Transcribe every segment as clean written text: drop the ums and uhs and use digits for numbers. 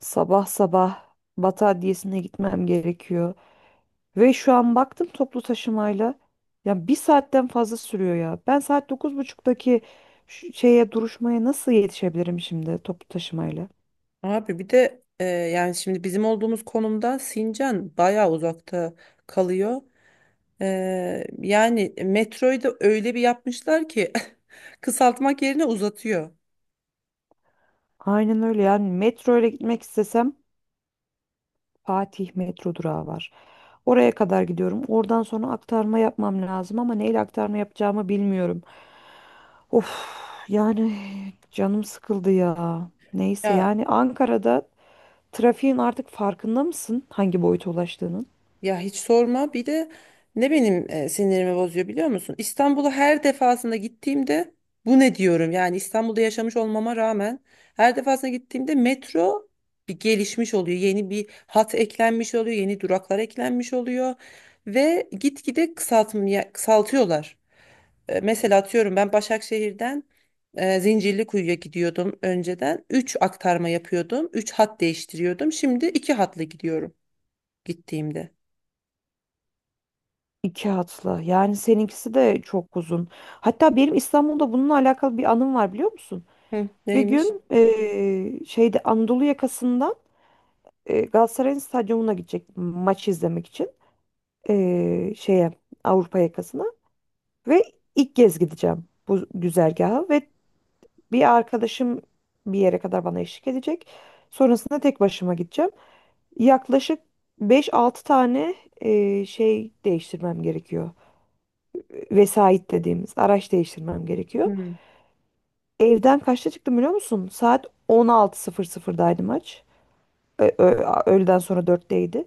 Sabah sabah Batı Adliyesi'ne gitmem gerekiyor. Ve şu an baktım toplu taşımayla. Ya bir saatten fazla sürüyor ya. Ben saat 9.30'daki şu şeye duruşmaya nasıl yetişebilirim şimdi toplu taşımayla? Abi bir de yani şimdi bizim olduğumuz konumda Sincan bayağı uzakta kalıyor. E, Yani metroyu da öyle bir yapmışlar ki kısaltmak yerine uzatıyor. Aynen öyle, yani metro ile gitmek istesem Fatih metro durağı var. Oraya kadar gidiyorum. Oradan sonra aktarma yapmam lazım, ama neyle aktarma yapacağımı bilmiyorum. Of, yani canım sıkıldı ya. Neyse, Ya yani Ankara'da trafiğin artık farkında mısın, hangi boyuta ulaştığının? Ya hiç sorma. Bir de ne benim sinirimi bozuyor biliyor musun? İstanbul'a her defasında gittiğimde bu ne diyorum? Yani İstanbul'da yaşamış olmama rağmen her defasında gittiğimde metro bir gelişmiş oluyor. Yeni bir hat eklenmiş oluyor, yeni duraklar eklenmiş oluyor ve gitgide kısaltmaya kısaltıyorlar. Mesela atıyorum ben Başakşehir'den Zincirlikuyu'ya gidiyordum önceden. Üç aktarma yapıyordum. Üç hat değiştiriyordum. Şimdi 2 hatla gidiyorum gittiğimde. İki hatlı. Yani seninkisi de çok uzun. Hatta benim İstanbul'da bununla alakalı bir anım var, biliyor musun? Hı, Bir neymiş? gün şeyde Anadolu yakasından Galatasaray'ın stadyumuna gidecek maç izlemek için şeye Avrupa yakasına ve ilk kez gideceğim bu güzergaha. Ve bir arkadaşım bir yere kadar bana eşlik edecek. Sonrasında tek başıma gideceğim. Yaklaşık beş altı tane değiştirmem gerekiyor. Vesait dediğimiz araç değiştirmem gerekiyor. Hı. Evden kaçta çıktım biliyor musun? Saat 16.00'daydı maç. Öğleden sonra dörtteydi.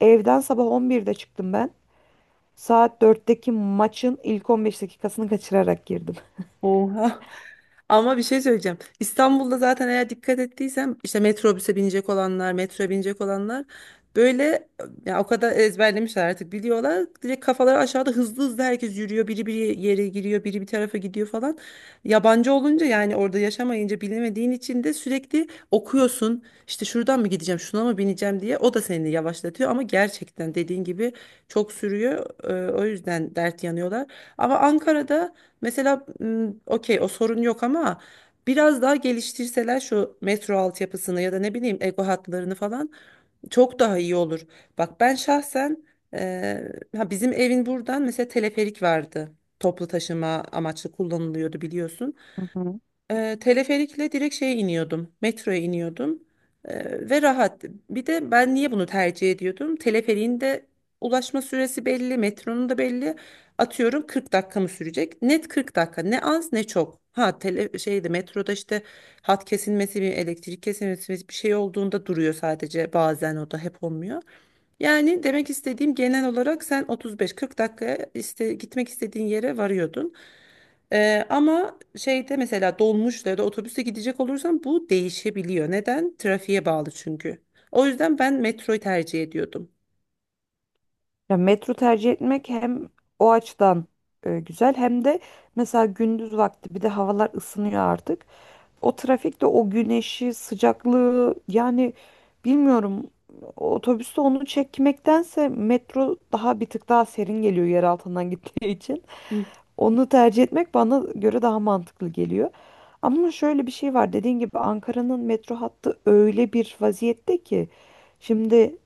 Evden sabah 11'de çıktım ben. Saat dörtteki maçın ilk 15 dakikasını kaçırarak girdim. Oha. Ama bir şey söyleyeceğim. İstanbul'da zaten eğer dikkat ettiysem işte metrobüse binecek olanlar, metroya binecek olanlar böyle ya o kadar ezberlemişler artık biliyorlar. Direkt kafaları aşağıda hızlı hızlı herkes yürüyor. Biri bir yere giriyor, biri bir tarafa gidiyor falan. Yabancı olunca yani orada yaşamayınca bilemediğin için de sürekli okuyorsun. İşte şuradan mı gideceğim, şuna mı bineceğim diye o da seni yavaşlatıyor ama gerçekten dediğin gibi çok sürüyor. O yüzden dert yanıyorlar. Ama Ankara'da mesela okey o sorun yok ama biraz daha geliştirseler şu metro altyapısını ya da ne bileyim Ego hatlarını falan çok daha iyi olur. Bak ben şahsen e, ha bizim evin buradan mesela teleferik vardı. Toplu taşıma amaçlı kullanılıyordu biliyorsun. Teleferikle direkt şeye iniyordum. Metroya iniyordum. Ve rahat. Bir de ben niye bunu tercih ediyordum? Teleferiğin de ulaşma süresi belli, metronun da belli. Atıyorum 40 dakika mı sürecek? Net 40 dakika. Ne az ne çok. Ha tele şeyde metroda işte hat kesilmesi, bir elektrik kesilmesi bir şey olduğunda duruyor sadece bazen o da hep olmuyor. Yani demek istediğim genel olarak sen 35-40 dakikaya işte gitmek istediğin yere varıyordun. Ama şeyde mesela dolmuşla ya da otobüste gidecek olursam bu değişebiliyor. Neden? Trafiğe bağlı çünkü. O yüzden ben metroyu tercih ediyordum. Ya, metro tercih etmek hem o açıdan güzel, hem de mesela gündüz vakti bir de havalar ısınıyor artık. O trafikte o güneşi, sıcaklığı, yani bilmiyorum, otobüste onu çekmektense metro daha bir tık daha serin geliyor yer altından gittiği için. Hı. Onu tercih etmek bana göre daha mantıklı geliyor. Ama şöyle bir şey var. Dediğin gibi Ankara'nın metro hattı öyle bir vaziyette ki şimdi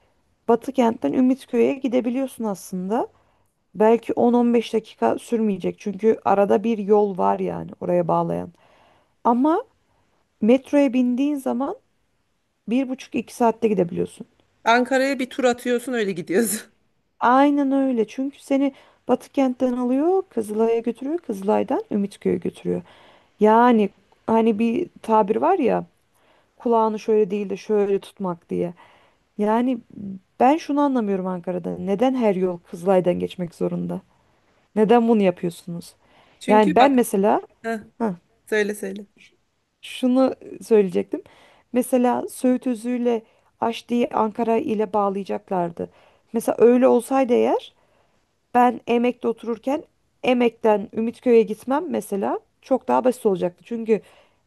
Batı kentten Ümitköy'e gidebiliyorsun aslında. Belki 10-15 dakika sürmeyecek. Çünkü arada bir yol var yani oraya bağlayan. Ama metroya bindiğin zaman bir buçuk iki saatte gidebiliyorsun. Ankara'ya bir tur atıyorsun öyle gidiyorsun. Aynen öyle. Çünkü seni Batı kentten alıyor, Kızılay'a götürüyor, Kızılay'dan Ümitköy'e götürüyor. Yani hani bir tabir var ya, kulağını şöyle değil de şöyle tutmak diye. Yani ben şunu anlamıyorum Ankara'da. Neden her yol Kızılay'dan geçmek zorunda? Neden bunu yapıyorsunuz? Yani Çünkü ben bak, mesela, heh, heh, söyle söyle. şunu söyleyecektim. Mesela Söğüt Özü'yle Aşti'yi Ankara ile bağlayacaklardı. Mesela öyle olsaydı eğer, ben Emek'te otururken Emek'ten Ümitköy'e gitmem mesela çok daha basit olacaktı. Çünkü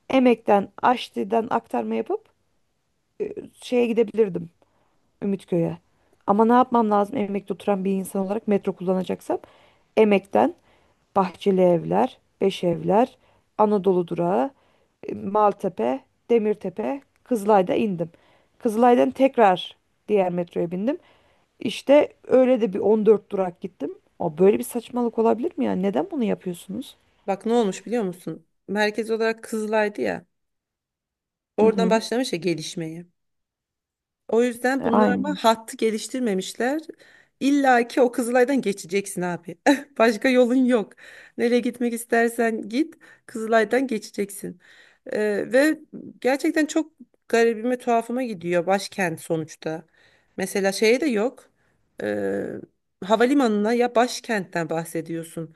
Emek'ten Aşti'den aktarma yapıp e, şeye gidebilirdim. Ümitköy'e. Ama ne yapmam lazım emekte oturan bir insan olarak metro kullanacaksam? Emekten Bahçeli Evler, Beş Evler, Anadolu Durağı, Maltepe, Demirtepe, Kızılay'da indim. Kızılay'dan tekrar diğer metroya bindim. İşte öyle de bir 14 durak gittim. O böyle bir saçmalık olabilir mi ya? Neden bunu yapıyorsunuz? Bak ne olmuş biliyor musun? Merkez olarak Kızılay'dı ya. Hı Oradan hı. başlamış ya gelişmeye. O yüzden bunlar ama Aynen. hattı geliştirmemişler. İlla ki o Kızılay'dan geçeceksin abi. Başka yolun yok. Nereye gitmek istersen git, Kızılay'dan geçeceksin. Ve gerçekten çok garibime, tuhafıma gidiyor başkent sonuçta. Mesela şeye de yok. Ee, Havalimanına ya başkentten bahsediyorsun.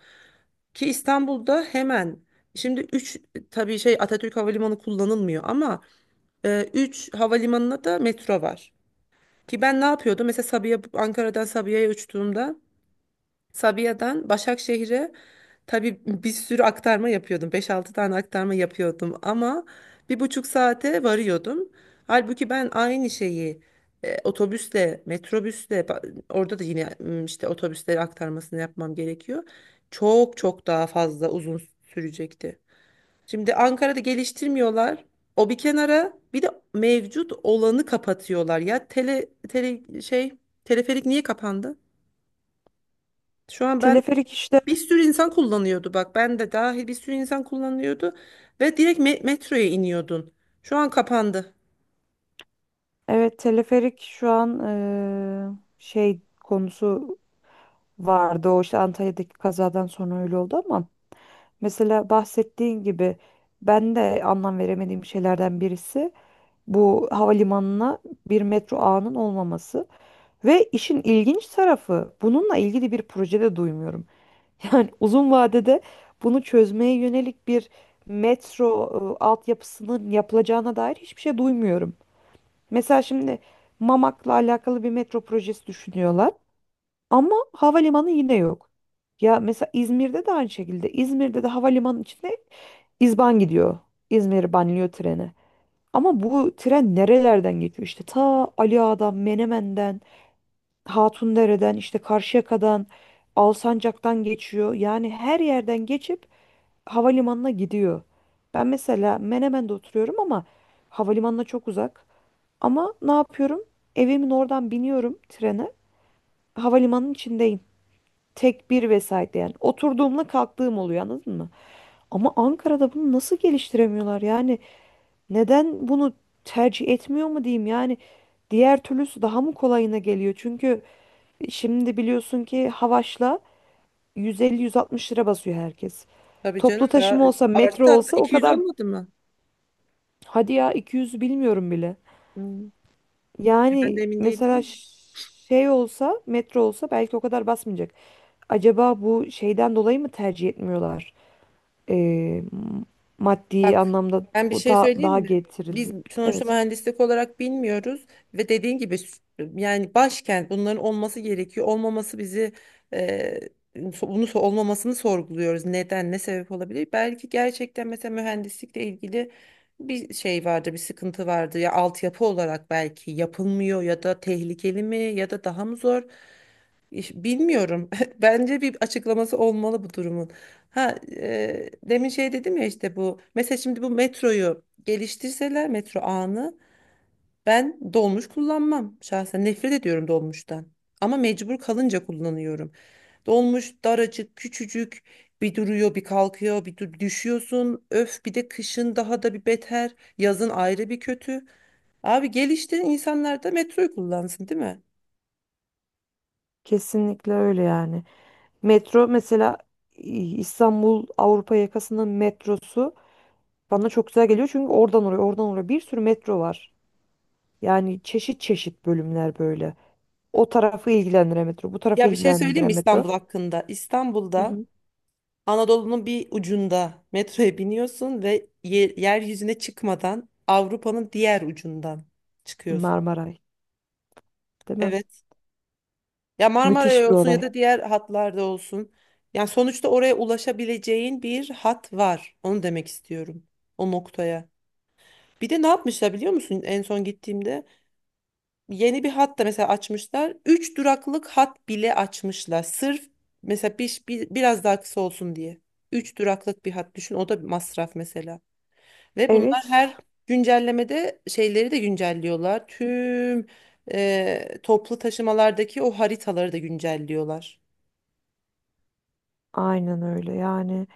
Ki İstanbul'da hemen şimdi üç, tabii şey Atatürk Havalimanı kullanılmıyor ama 3 havalimanına da metro var. Ki ben ne yapıyordum? Mesela Sabiha, Ankara'dan Sabiha'ya uçtuğumda Sabiha'dan Başakşehir'e tabii bir sürü aktarma yapıyordum. Beş altı tane aktarma yapıyordum ama bir buçuk saate varıyordum. Halbuki ben aynı şeyi otobüsle, metrobüsle orada da yine işte otobüsleri aktarmasını yapmam gerekiyor. Çok çok daha fazla uzun sürecekti. Şimdi Ankara'da geliştirmiyorlar. O bir kenara bir de mevcut olanı kapatıyorlar. Ya teleferik niye kapandı? Şu an ben, Teleferik işte. Bir sürü insan kullanıyordu ve direkt metroya iniyordun. Şu an kapandı. Evet, teleferik şu an şey konusu vardı. O işte Antalya'daki kazadan sonra öyle oldu ama mesela bahsettiğin gibi ben de anlam veremediğim şeylerden birisi bu havalimanına bir metro ağının olmaması. Ve işin ilginç tarafı, bununla ilgili bir projede duymuyorum. Yani uzun vadede bunu çözmeye yönelik bir metro altyapısının yapılacağına dair hiçbir şey duymuyorum. Mesela şimdi Mamak'la alakalı bir metro projesi düşünüyorlar. Ama havalimanı yine yok. Ya mesela İzmir'de de aynı şekilde. İzmir'de de havalimanı içinde İzban gidiyor. İzmir banliyö treni. Ama bu tren nerelerden geçiyor? İşte ta Ali Ağa'dan, Menemen'den, Hatundere'den, işte Karşıyaka'dan, Alsancak'tan geçiyor. Yani her yerden geçip havalimanına gidiyor. Ben mesela Menemen'de oturuyorum ama havalimanına çok uzak. Ama ne yapıyorum? Evimin oradan biniyorum trene. Havalimanının içindeyim tekbir vesaire, yani oturduğumla kalktığım oluyor, anladın mı? Ama Ankara'da bunu nasıl geliştiremiyorlar yani, neden bunu tercih etmiyor mu diyeyim, yani diğer türlüsü daha mı kolayına geliyor? Çünkü şimdi biliyorsun ki Havaş'la 150-160 lira basıyor herkes. Tabii Toplu canım daha taşıma olsa, metro arttı hatta olsa o 200 kadar... olmadı mı? Hadi ya, 200 bilmiyorum bile. Hmm. Ben de Yani emin mesela değilim. Şey olsa, metro olsa belki o kadar basmayacak. Acaba bu şeyden dolayı mı tercih etmiyorlar? e, Maddi Bak, anlamda ben bir o şey da söyleyeyim daha mi? Biz getirildi. sonuçta Evet, mühendislik olarak bilmiyoruz ve dediğin gibi yani başkent bunların olması gerekiyor. Olmaması bizi e, bunu olmamasını sorguluyoruz. Neden, ne sebep olabilir? Belki gerçekten mesela mühendislikle ilgili bir şey vardı, bir sıkıntı vardı ya altyapı olarak belki yapılmıyor ya da tehlikeli mi ya da daha mı zor? Bilmiyorum. Bence bir açıklaması olmalı bu durumun. Demin şey dedim ya işte bu. Mesela şimdi bu metroyu geliştirseler metro ağını ben dolmuş kullanmam. Şahsen nefret ediyorum dolmuştan. Ama mecbur kalınca kullanıyorum. Dolmuş daracık, küçücük, bir duruyor, bir kalkıyor, düşüyorsun. Öf, bir de kışın daha da bir beter, yazın ayrı bir kötü. Abi geliştirin insanlar da metroyu kullansın, değil mi? kesinlikle öyle yani. Metro mesela İstanbul Avrupa yakasının metrosu bana çok güzel geliyor çünkü oradan oraya, oradan oraya bir sürü metro var. Yani çeşit çeşit bölümler böyle. O tarafı ilgilendiren metro, bu tarafı Ya bir şey söyleyeyim mi ilgilendiren metro. İstanbul hakkında? Hı İstanbul'da hı. Anadolu'nun bir ucunda metroya biniyorsun ve yeryüzüne çıkmadan Avrupa'nın diğer ucundan çıkıyorsun. Marmaray, değil mi? Evet. Ya Müthiş Marmara'ya bir olsun ya olay. da diğer hatlarda olsun. Yani sonuçta oraya ulaşabileceğin bir hat var. Onu demek istiyorum. O noktaya. Bir de ne yapmışlar biliyor musun? En son gittiğimde yeni bir hat da mesela açmışlar. Üç duraklık hat bile açmışlar. Sırf mesela biraz daha kısa olsun diye. Üç duraklık bir hat düşün. O da bir masraf mesela. Ve bunlar Evet, her güncellemede şeyleri de güncelliyorlar. Tüm toplu taşımalardaki o haritaları da güncelliyorlar. aynen öyle yani.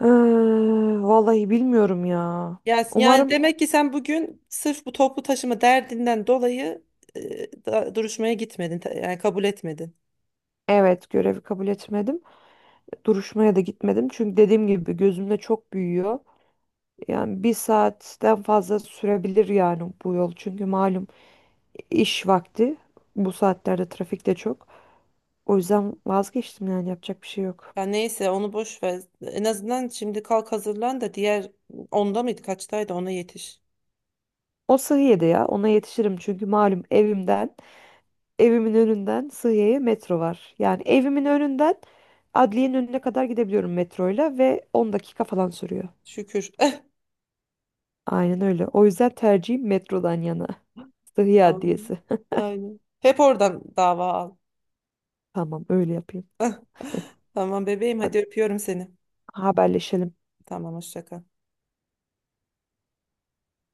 Eee, Vallahi bilmiyorum ya. Yani Umarım. demek ki sen bugün sırf bu toplu taşıma derdinden dolayı duruşmaya gitmedin. Yani kabul etmedin. Evet, görevi kabul etmedim. Duruşmaya da gitmedim. Çünkü dediğim gibi gözümde çok büyüyor. Yani bir saatten fazla sürebilir yani bu yol. Çünkü malum iş vakti. Bu saatlerde trafik de çok. O yüzden vazgeçtim, yani yapacak bir şey yok. Ya neyse onu boş ver. En azından şimdi kalk hazırlan da diğer, onda mıydı kaçtaydı, ona yetiş. O Sıhiye'de ya, ona yetişirim çünkü malum evimden, evimin önünden Sıhiye'ye metro var. Yani evimin önünden adliyenin önüne kadar gidebiliyorum metroyla ve 10 dakika falan sürüyor. Şükür. Aynen öyle. O yüzden tercihim metrodan yana. Sıhhi Tamam. Adliyesi. Aynen. Hep oradan dava al. Tamam, öyle yapayım. Tamam bebeğim Hadi, hadi öpüyorum seni. haberleşelim. Tamam hoşça kal.